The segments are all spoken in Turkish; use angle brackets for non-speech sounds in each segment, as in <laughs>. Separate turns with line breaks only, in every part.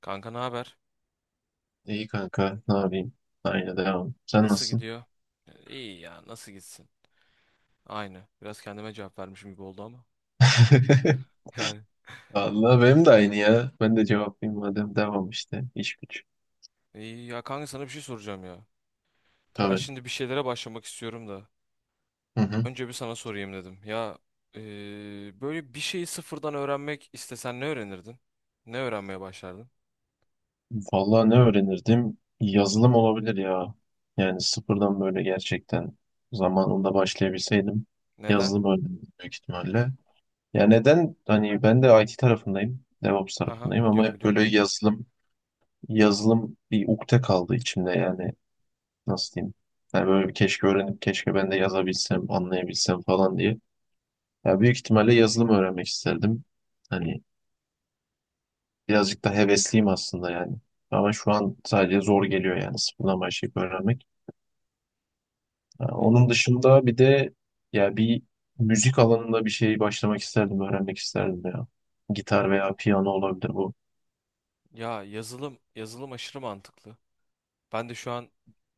Kanka ne haber?
İyi kanka, ne yapayım? Aynı devam. Sen
Nasıl
nasılsın?
gidiyor? İyi ya nasıl gitsin? Aynı. Biraz kendime cevap vermişim gibi oldu ama.
<laughs>
<laughs>
Allah benim de aynı ya. Ben de cevaplayayım madem devam işte. İş güç.
Yani iyi ya kanka sana bir şey soracağım ya. Ya ben
Tabii.
şimdi bir şeylere başlamak istiyorum da.
Hı hı.
Önce bir sana sorayım dedim. Böyle bir şeyi sıfırdan öğrenmek istesen ne öğrenirdin? Ne öğrenmeye başlardın?
Vallahi ne öğrenirdim? Yazılım olabilir ya. Yani sıfırdan böyle gerçekten zamanında başlayabilseydim
Neden?
yazılım öğrenirdim büyük ihtimalle. Ya neden? Hani ben de IT tarafındayım. DevOps
Haha,
tarafındayım ama
biliyorum
hep
biliyorum.
böyle yazılım yazılım bir ukde kaldı içimde yani. Nasıl diyeyim, yani böyle keşke öğrenip keşke ben de yazabilsem anlayabilsem falan diye. Ya büyük ihtimalle yazılım öğrenmek isterdim. Hani birazcık da hevesliyim aslında yani. Ama şu an sadece zor geliyor yani sıfırdan başlayıp öğrenmek. Ha,
Y-
onun dışında bir de ya bir müzik alanında bir şey başlamak isterdim, öğrenmek isterdim ya. Gitar veya piyano olabilir bu.
Ya yazılım aşırı mantıklı. Ben de şu an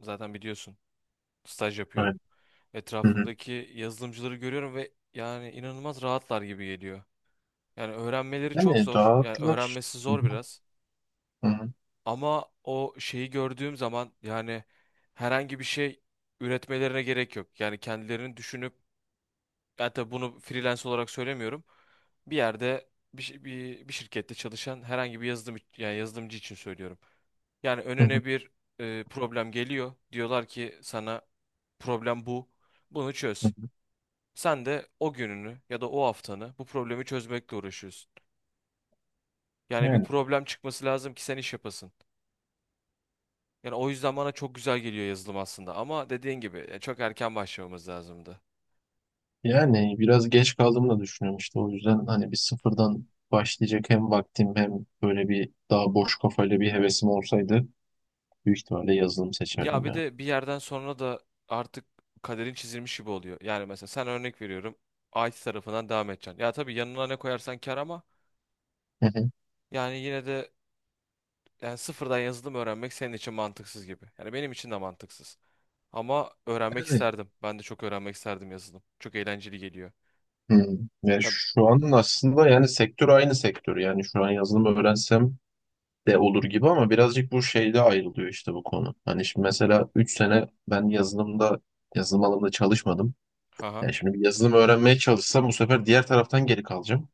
zaten biliyorsun staj
Evet.
yapıyorum.
Hı hı.
Etrafımdaki yazılımcıları görüyorum ve yani inanılmaz rahatlar gibi geliyor. Yani öğrenmeleri çok
Yani
zor. Yani
dağıtılır.
öğrenmesi
Hı
zor
hı.
biraz.
Hı hı.
Ama o şeyi gördüğüm zaman yani herhangi bir şey üretmelerine gerek yok. Yani kendilerini düşünüp yani tabii bunu freelance olarak söylemiyorum. Bir yerde bir şirkette çalışan herhangi bir yazılım yani yazılımcı için söylüyorum. Yani
Hı hı.
önüne bir problem geliyor. Diyorlar ki sana problem bu. Bunu
Hı
çöz. Sen de o gününü ya da o haftanı bu problemi çözmekle uğraşıyorsun. Yani bir
hı.
problem çıkması lazım ki sen iş yapasın. Yani o yüzden bana çok güzel geliyor yazılım aslında ama dediğin gibi çok erken başlamamız lazımdı.
Yani biraz geç kaldığımı da düşünüyorum işte o yüzden hani bir sıfırdan başlayacak hem vaktim hem böyle bir daha boş kafayla bir hevesim olsaydı büyük ihtimalle yazılım
Ya
seçerdim
bir
ya.
de bir yerden sonra da artık kaderin çizilmiş gibi oluyor. Yani mesela sen örnek veriyorum IT tarafından devam edeceksin. Ya tabii yanına ne koyarsan kar ama
Hı hı.
yani yine de yani sıfırdan yazılım öğrenmek senin için mantıksız gibi. Yani benim için de mantıksız. Ama öğrenmek
Yani,
isterdim. Ben de çok öğrenmek isterdim yazılım. Çok eğlenceli geliyor.
hı. Ya
Ya,
şu an aslında yani sektör aynı sektör yani şu an yazılım öğrensem de olur gibi ama birazcık bu şeyde ayrılıyor işte bu konu. Hani şimdi mesela 3 sene ben yazılım alanında çalışmadım.
haha,
Yani şimdi bir yazılım öğrenmeye çalışsam bu sefer diğer taraftan geri kalacağım.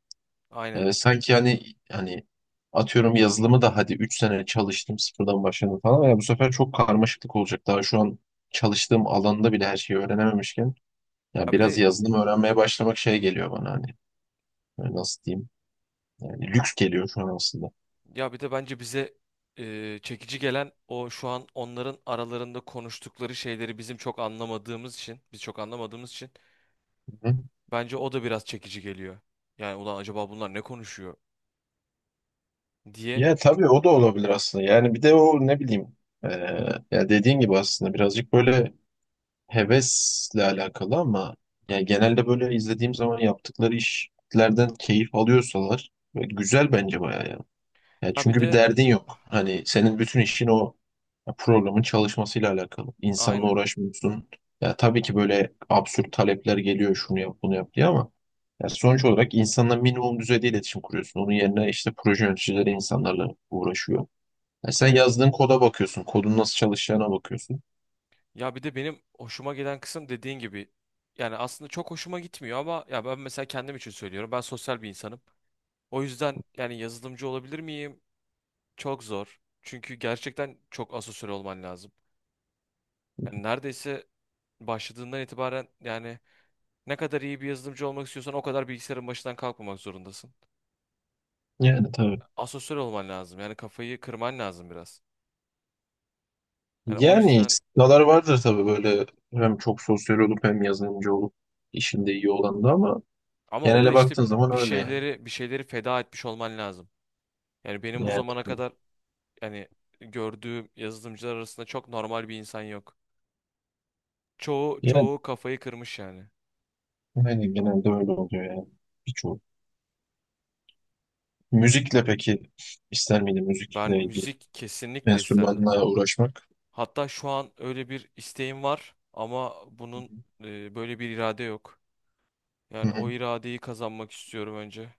aynen.
Sanki hani hani atıyorum yazılımı da hadi 3 sene çalıştım sıfırdan başladım falan ya bu sefer çok karmaşıklık olacak. Daha şu an çalıştığım alanda bile her şeyi öğrenememişken ya
Ya bir
biraz
de
yazılım öğrenmeye başlamak şey geliyor bana hani, böyle nasıl diyeyim yani lüks geliyor şu an aslında.
ya bir de bence bize çekici gelen o şu an onların aralarında konuştukları şeyleri bizim çok anlamadığımız için, biz çok anlamadığımız için
Hı.
bence o da biraz çekici geliyor. Yani ulan acaba bunlar ne konuşuyor diye.
Ya tabii o da olabilir aslında. Yani bir de o ne bileyim, ee, ya dediğin gibi aslında birazcık böyle hevesle alakalı ama yani genelde böyle izlediğim zaman yaptıkları işlerden keyif alıyorsalar böyle güzel bence bayağı ya. Ya
Ya bir
çünkü bir
de
derdin yok. Hani senin bütün işin o programın çalışmasıyla alakalı. İnsanla
aynen,
uğraşmıyorsun. Ya tabii ki böyle absürt talepler geliyor şunu yap bunu yap diye ama ya sonuç olarak insanla minimum düzeyde iletişim kuruyorsun. Onun yerine işte proje yöneticileri insanlarla uğraşıyor. Ya sen
aynen.
yazdığın koda bakıyorsun. Kodun nasıl çalışacağına bakıyorsun.
Ya bir de benim hoşuma gelen kısım dediğin gibi yani aslında çok hoşuma gitmiyor ama ya ben mesela kendim için söylüyorum. Ben sosyal bir insanım. O yüzden yani yazılımcı olabilir miyim? Çok zor. Çünkü gerçekten çok asosyal olman lazım. Yani neredeyse başladığından itibaren yani ne kadar iyi bir yazılımcı olmak istiyorsan o kadar bilgisayarın başından kalkmamak zorundasın.
Yani tabii.
Asosyal olman lazım. Yani kafayı kırman lazım biraz. Yani o
Yani
yüzden
istisnalar vardır tabii böyle hem çok sosyal olup hem yazılımcı olup işinde iyi olan da ama
ama o da
genele
işte
baktığın zaman
bir
öyle yani.
şeyleri bir şeyleri feda etmiş olman lazım. Yani benim bu
Yani,
zamana kadar yani gördüğüm yazılımcılar arasında çok normal bir insan yok. Çoğu kafayı kırmış yani.
Genelde öyle oluyor yani. Birçok. Müzikle peki ister miydin
Ben
müzikle ilgili
müzik kesinlikle isterdim.
enstrümanla uğraşmak?
Hatta şu an öyle bir isteğim var ama
Hı
bunun böyle bir irade yok. Yani o
hı.
iradeyi kazanmak istiyorum önce.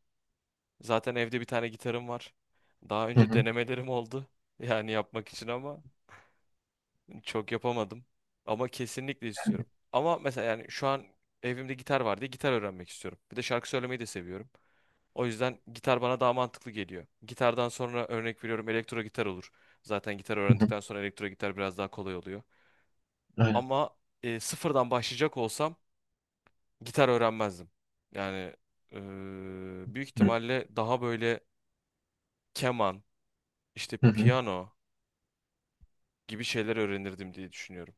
Zaten evde bir tane gitarım var. Daha
Hı
önce
hı.
denemelerim oldu. <laughs> Yani yapmak için ama çok yapamadım. Ama kesinlikle istiyorum. Ama mesela yani şu an evimde gitar var diye gitar öğrenmek istiyorum. Bir de şarkı söylemeyi de seviyorum. O yüzden gitar bana daha mantıklı geliyor. Gitardan sonra örnek veriyorum elektro gitar olur. Zaten gitar
Hı hı.
öğrendikten sonra elektro gitar biraz daha kolay oluyor.
Aynen.
Ama sıfırdan başlayacak olsam gitar öğrenmezdim. Yani büyük ihtimalle daha böyle keman, işte
Hı hı.
piyano gibi şeyler öğrenirdim diye düşünüyorum.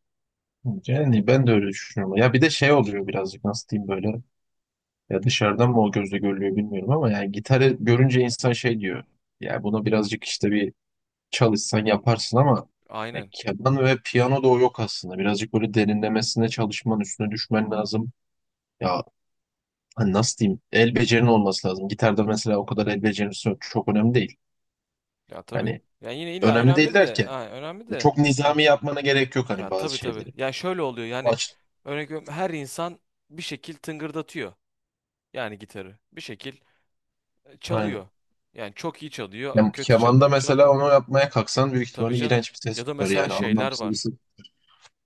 Hı. Yani ben de öyle düşünüyorum. Ya bir de şey oluyor birazcık nasıl diyeyim böyle. Ya dışarıdan mı o gözle görülüyor bilmiyorum ama yani gitarı görünce insan şey diyor. Ya bunu birazcık işte bir çalışsan yaparsın ama ya
Aynen.
keman ve piyano da o yok aslında. Birazcık böyle derinlemesine çalışman üstüne düşmen lazım. Ya hani nasıl diyeyim, el becerinin olması lazım. Gitarda mesela o kadar el becerisi yok. Çok önemli değil.
Ya tabii.
Hani
Yani yine illa
önemli değil
önemli de,
derken
ha, önemli de.
çok
Ya,
nizami yapmana gerek yok hani
ya
bazı
tabii tabii.
şeyleri.
Ya şöyle oluyor
O
yani
açı-
örnek veriyorum her insan bir şekil tıngırdatıyor. Yani gitarı bir şekil
Aynen.
çalıyor. Yani çok iyi çalıyor,
Ya,
kötü
kemanda
çalıyor,
mesela
çalıyor.
onu yapmaya kalksan büyük
Tabii
ihtimalle
canım.
iğrenç bir ses
Ya da
çıkar
mesela
yani
şeyler
anlamsız bir
var.
ses.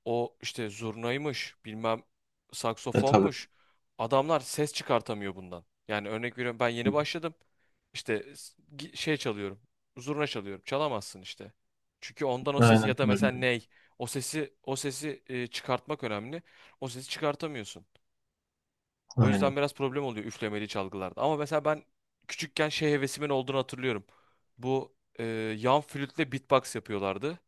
O işte zurnaymış, bilmem
E tabii.
saksofonmuş. Adamlar ses çıkartamıyor bundan. Yani örnek veriyorum ben yeni başladım. İşte şey çalıyorum. Zurna çalıyorum. Çalamazsın işte. Çünkü ondan o sesi
Aynen
ya da mesela
öyle.
ney. O sesi çıkartmak önemli. O sesi çıkartamıyorsun. O yüzden
Aynen.
biraz problem oluyor üflemeli çalgılarda. Ama mesela ben küçükken şey hevesimin olduğunu hatırlıyorum. Bu yan flütle beatbox yapıyorlardı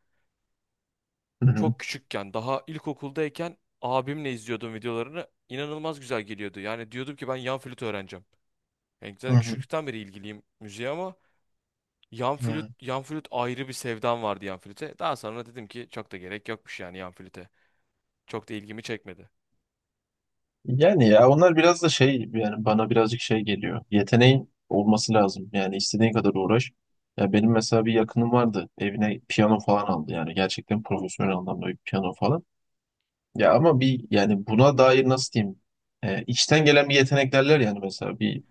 Hı.
çok küçükken daha ilkokuldayken abimle izliyordum videolarını. İnanılmaz güzel geliyordu. Yani diyordum ki ben yan flüt öğreneceğim. Yani
Hı
zaten
hı.
küçüklükten beri ilgiliyim müziğe ama yan
Hı
flüt
hı.
yan flüt ayrı bir sevdam vardı yan flüte. Daha sonra dedim ki çok da gerek yokmuş yani yan flüte. Çok da ilgimi çekmedi.
Yani ya onlar biraz da şey yani bana birazcık şey geliyor. Yeteneğin olması lazım. Yani istediğin kadar uğraş. Ya benim mesela bir yakınım vardı. Evine piyano falan aldı. Yani gerçekten profesyonel anlamda bir piyano falan. Ya ama bir yani buna dair nasıl diyeyim? E, içten gelen bir yetenek derler yani mesela bir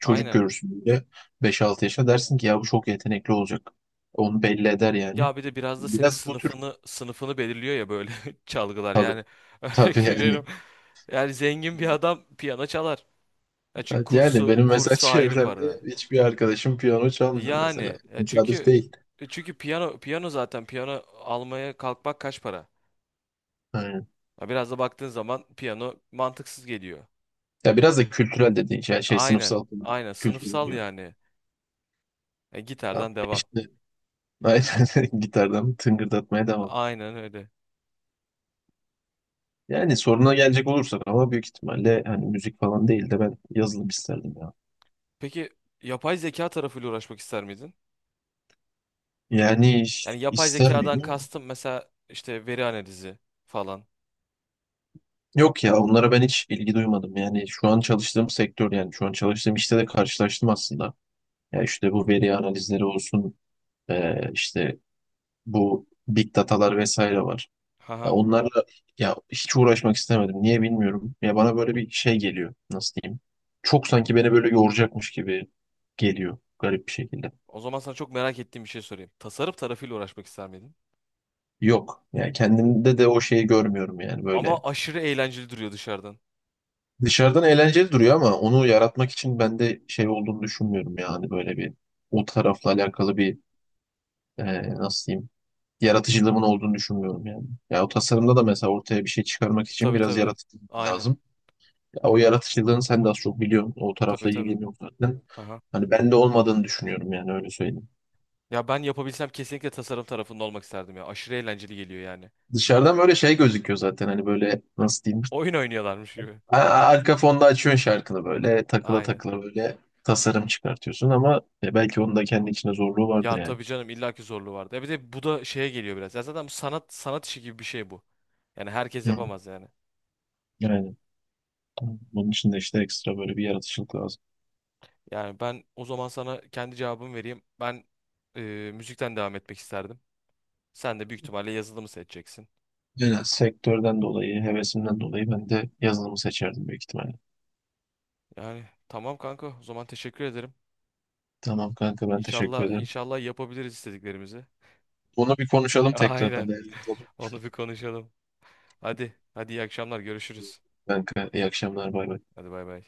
çocuk
Aynen.
görürsün böyle beş altı yaşında dersin ki ya bu çok yetenekli olacak. Onu belli eder yani.
Ya bir de biraz da senin
Biraz bu tür
sınıfını belirliyor ya böyle <laughs> çalgılar.
tabii.
Yani
Tabii
örnek veriyorum.
yani.
Yani zengin bir adam piyano çalar. Ya çünkü
Evet, yani
kursu
benim mesela <laughs>
kursu ayrı
çevremde
para.
hiçbir arkadaşım piyano çalmıyor mesela.
Yani ya
Tesadüf
çünkü
değil.
çünkü piyano zaten piyano almaya kalkmak kaç para?
Aynen.
Ya biraz da baktığın zaman piyano mantıksız geliyor.
Ya biraz da kültürel dediğin şey, yani şey
Aynen.
sınıfsal
Aynen
kültür
sınıfsal
diyor.
yani.
Ya
Gitardan devam.
işte aynen <laughs> gitardan tıngırdatmaya devam.
Aynen öyle.
Yani soruna gelecek olursak ama büyük ihtimalle hani müzik falan değil de ben yazılım isterdim ya.
Peki yapay zeka tarafıyla uğraşmak ister miydin?
Yani
Yani yapay
ister
zekadan
miyim?
kastım mesela işte veri analizi falan.
Yok ya onlara ben hiç ilgi duymadım. Yani şu an çalıştığım sektör yani şu an çalıştığım işte de karşılaştım aslında. Ya işte bu veri analizleri olsun, işte bu big datalar vesaire var. Ya
Haha.
onlarla ya hiç uğraşmak istemedim. Niye bilmiyorum. Ya bana böyle bir şey geliyor. Nasıl diyeyim? Çok sanki beni böyle yoracakmış gibi geliyor garip bir şekilde.
O zaman sana çok merak ettiğim bir şey sorayım. Tasarım tarafıyla uğraşmak ister miydin?
Yok. Yani kendimde de o şeyi görmüyorum yani böyle.
Ama aşırı eğlenceli duruyor dışarıdan.
Dışarıdan eğlenceli duruyor ama onu yaratmak için bende şey olduğunu düşünmüyorum yani böyle bir o tarafla alakalı bir, e, nasıl diyeyim, yaratıcılığımın olduğunu düşünmüyorum yani. Ya o tasarımda da mesela ortaya bir şey çıkarmak için
Tabii
biraz
tabii.
yaratıcı
Aynen.
lazım. Ya o yaratıcılığını sen de az çok biliyorsun. O
Tabii
tarafla
tabii.
ilgileniyorum zaten.
Haha.
Hani ben de olmadığını düşünüyorum yani öyle söyleyeyim.
Ya ben yapabilsem kesinlikle tasarım tarafında olmak isterdim ya. Aşırı eğlenceli geliyor yani.
Dışarıdan böyle şey gözüküyor zaten hani böyle nasıl diyeyim.
Oyun oynuyorlarmış gibi.
Arka fonda açıyorsun şarkını böyle takıla
Aynen.
takıla böyle tasarım çıkartıyorsun ama, belki onun da kendi içinde zorluğu
Ya
vardır yani.
tabii canım illaki zorluğu vardı. Ya bir de bu da şeye geliyor biraz. Ya zaten bu sanat işi gibi bir şey bu. Yani herkes
Hı.
yapamaz yani.
Yani tamam. Bunun için de işte ekstra böyle bir yaratıcılık lazım.
Yani ben o zaman sana kendi cevabımı vereyim. Ben e, müzikten devam etmek isterdim. Sen de büyük ihtimalle yazılımı seçeceksin.
Yani sektörden dolayı, hevesimden dolayı ben de yazılımı seçerdim büyük ihtimalle.
Yani tamam kanka o zaman teşekkür ederim.
Tamam kanka ben teşekkür
İnşallah
ederim.
inşallah yapabiliriz istediklerimizi.
Bunu bir
<laughs>
konuşalım tekrardan.
Aynen.
Değerli olur.
Onu bir konuşalım. Hadi hadi iyi akşamlar görüşürüz.
Kanka iyi akşamlar bay bay.
Hadi bay bay.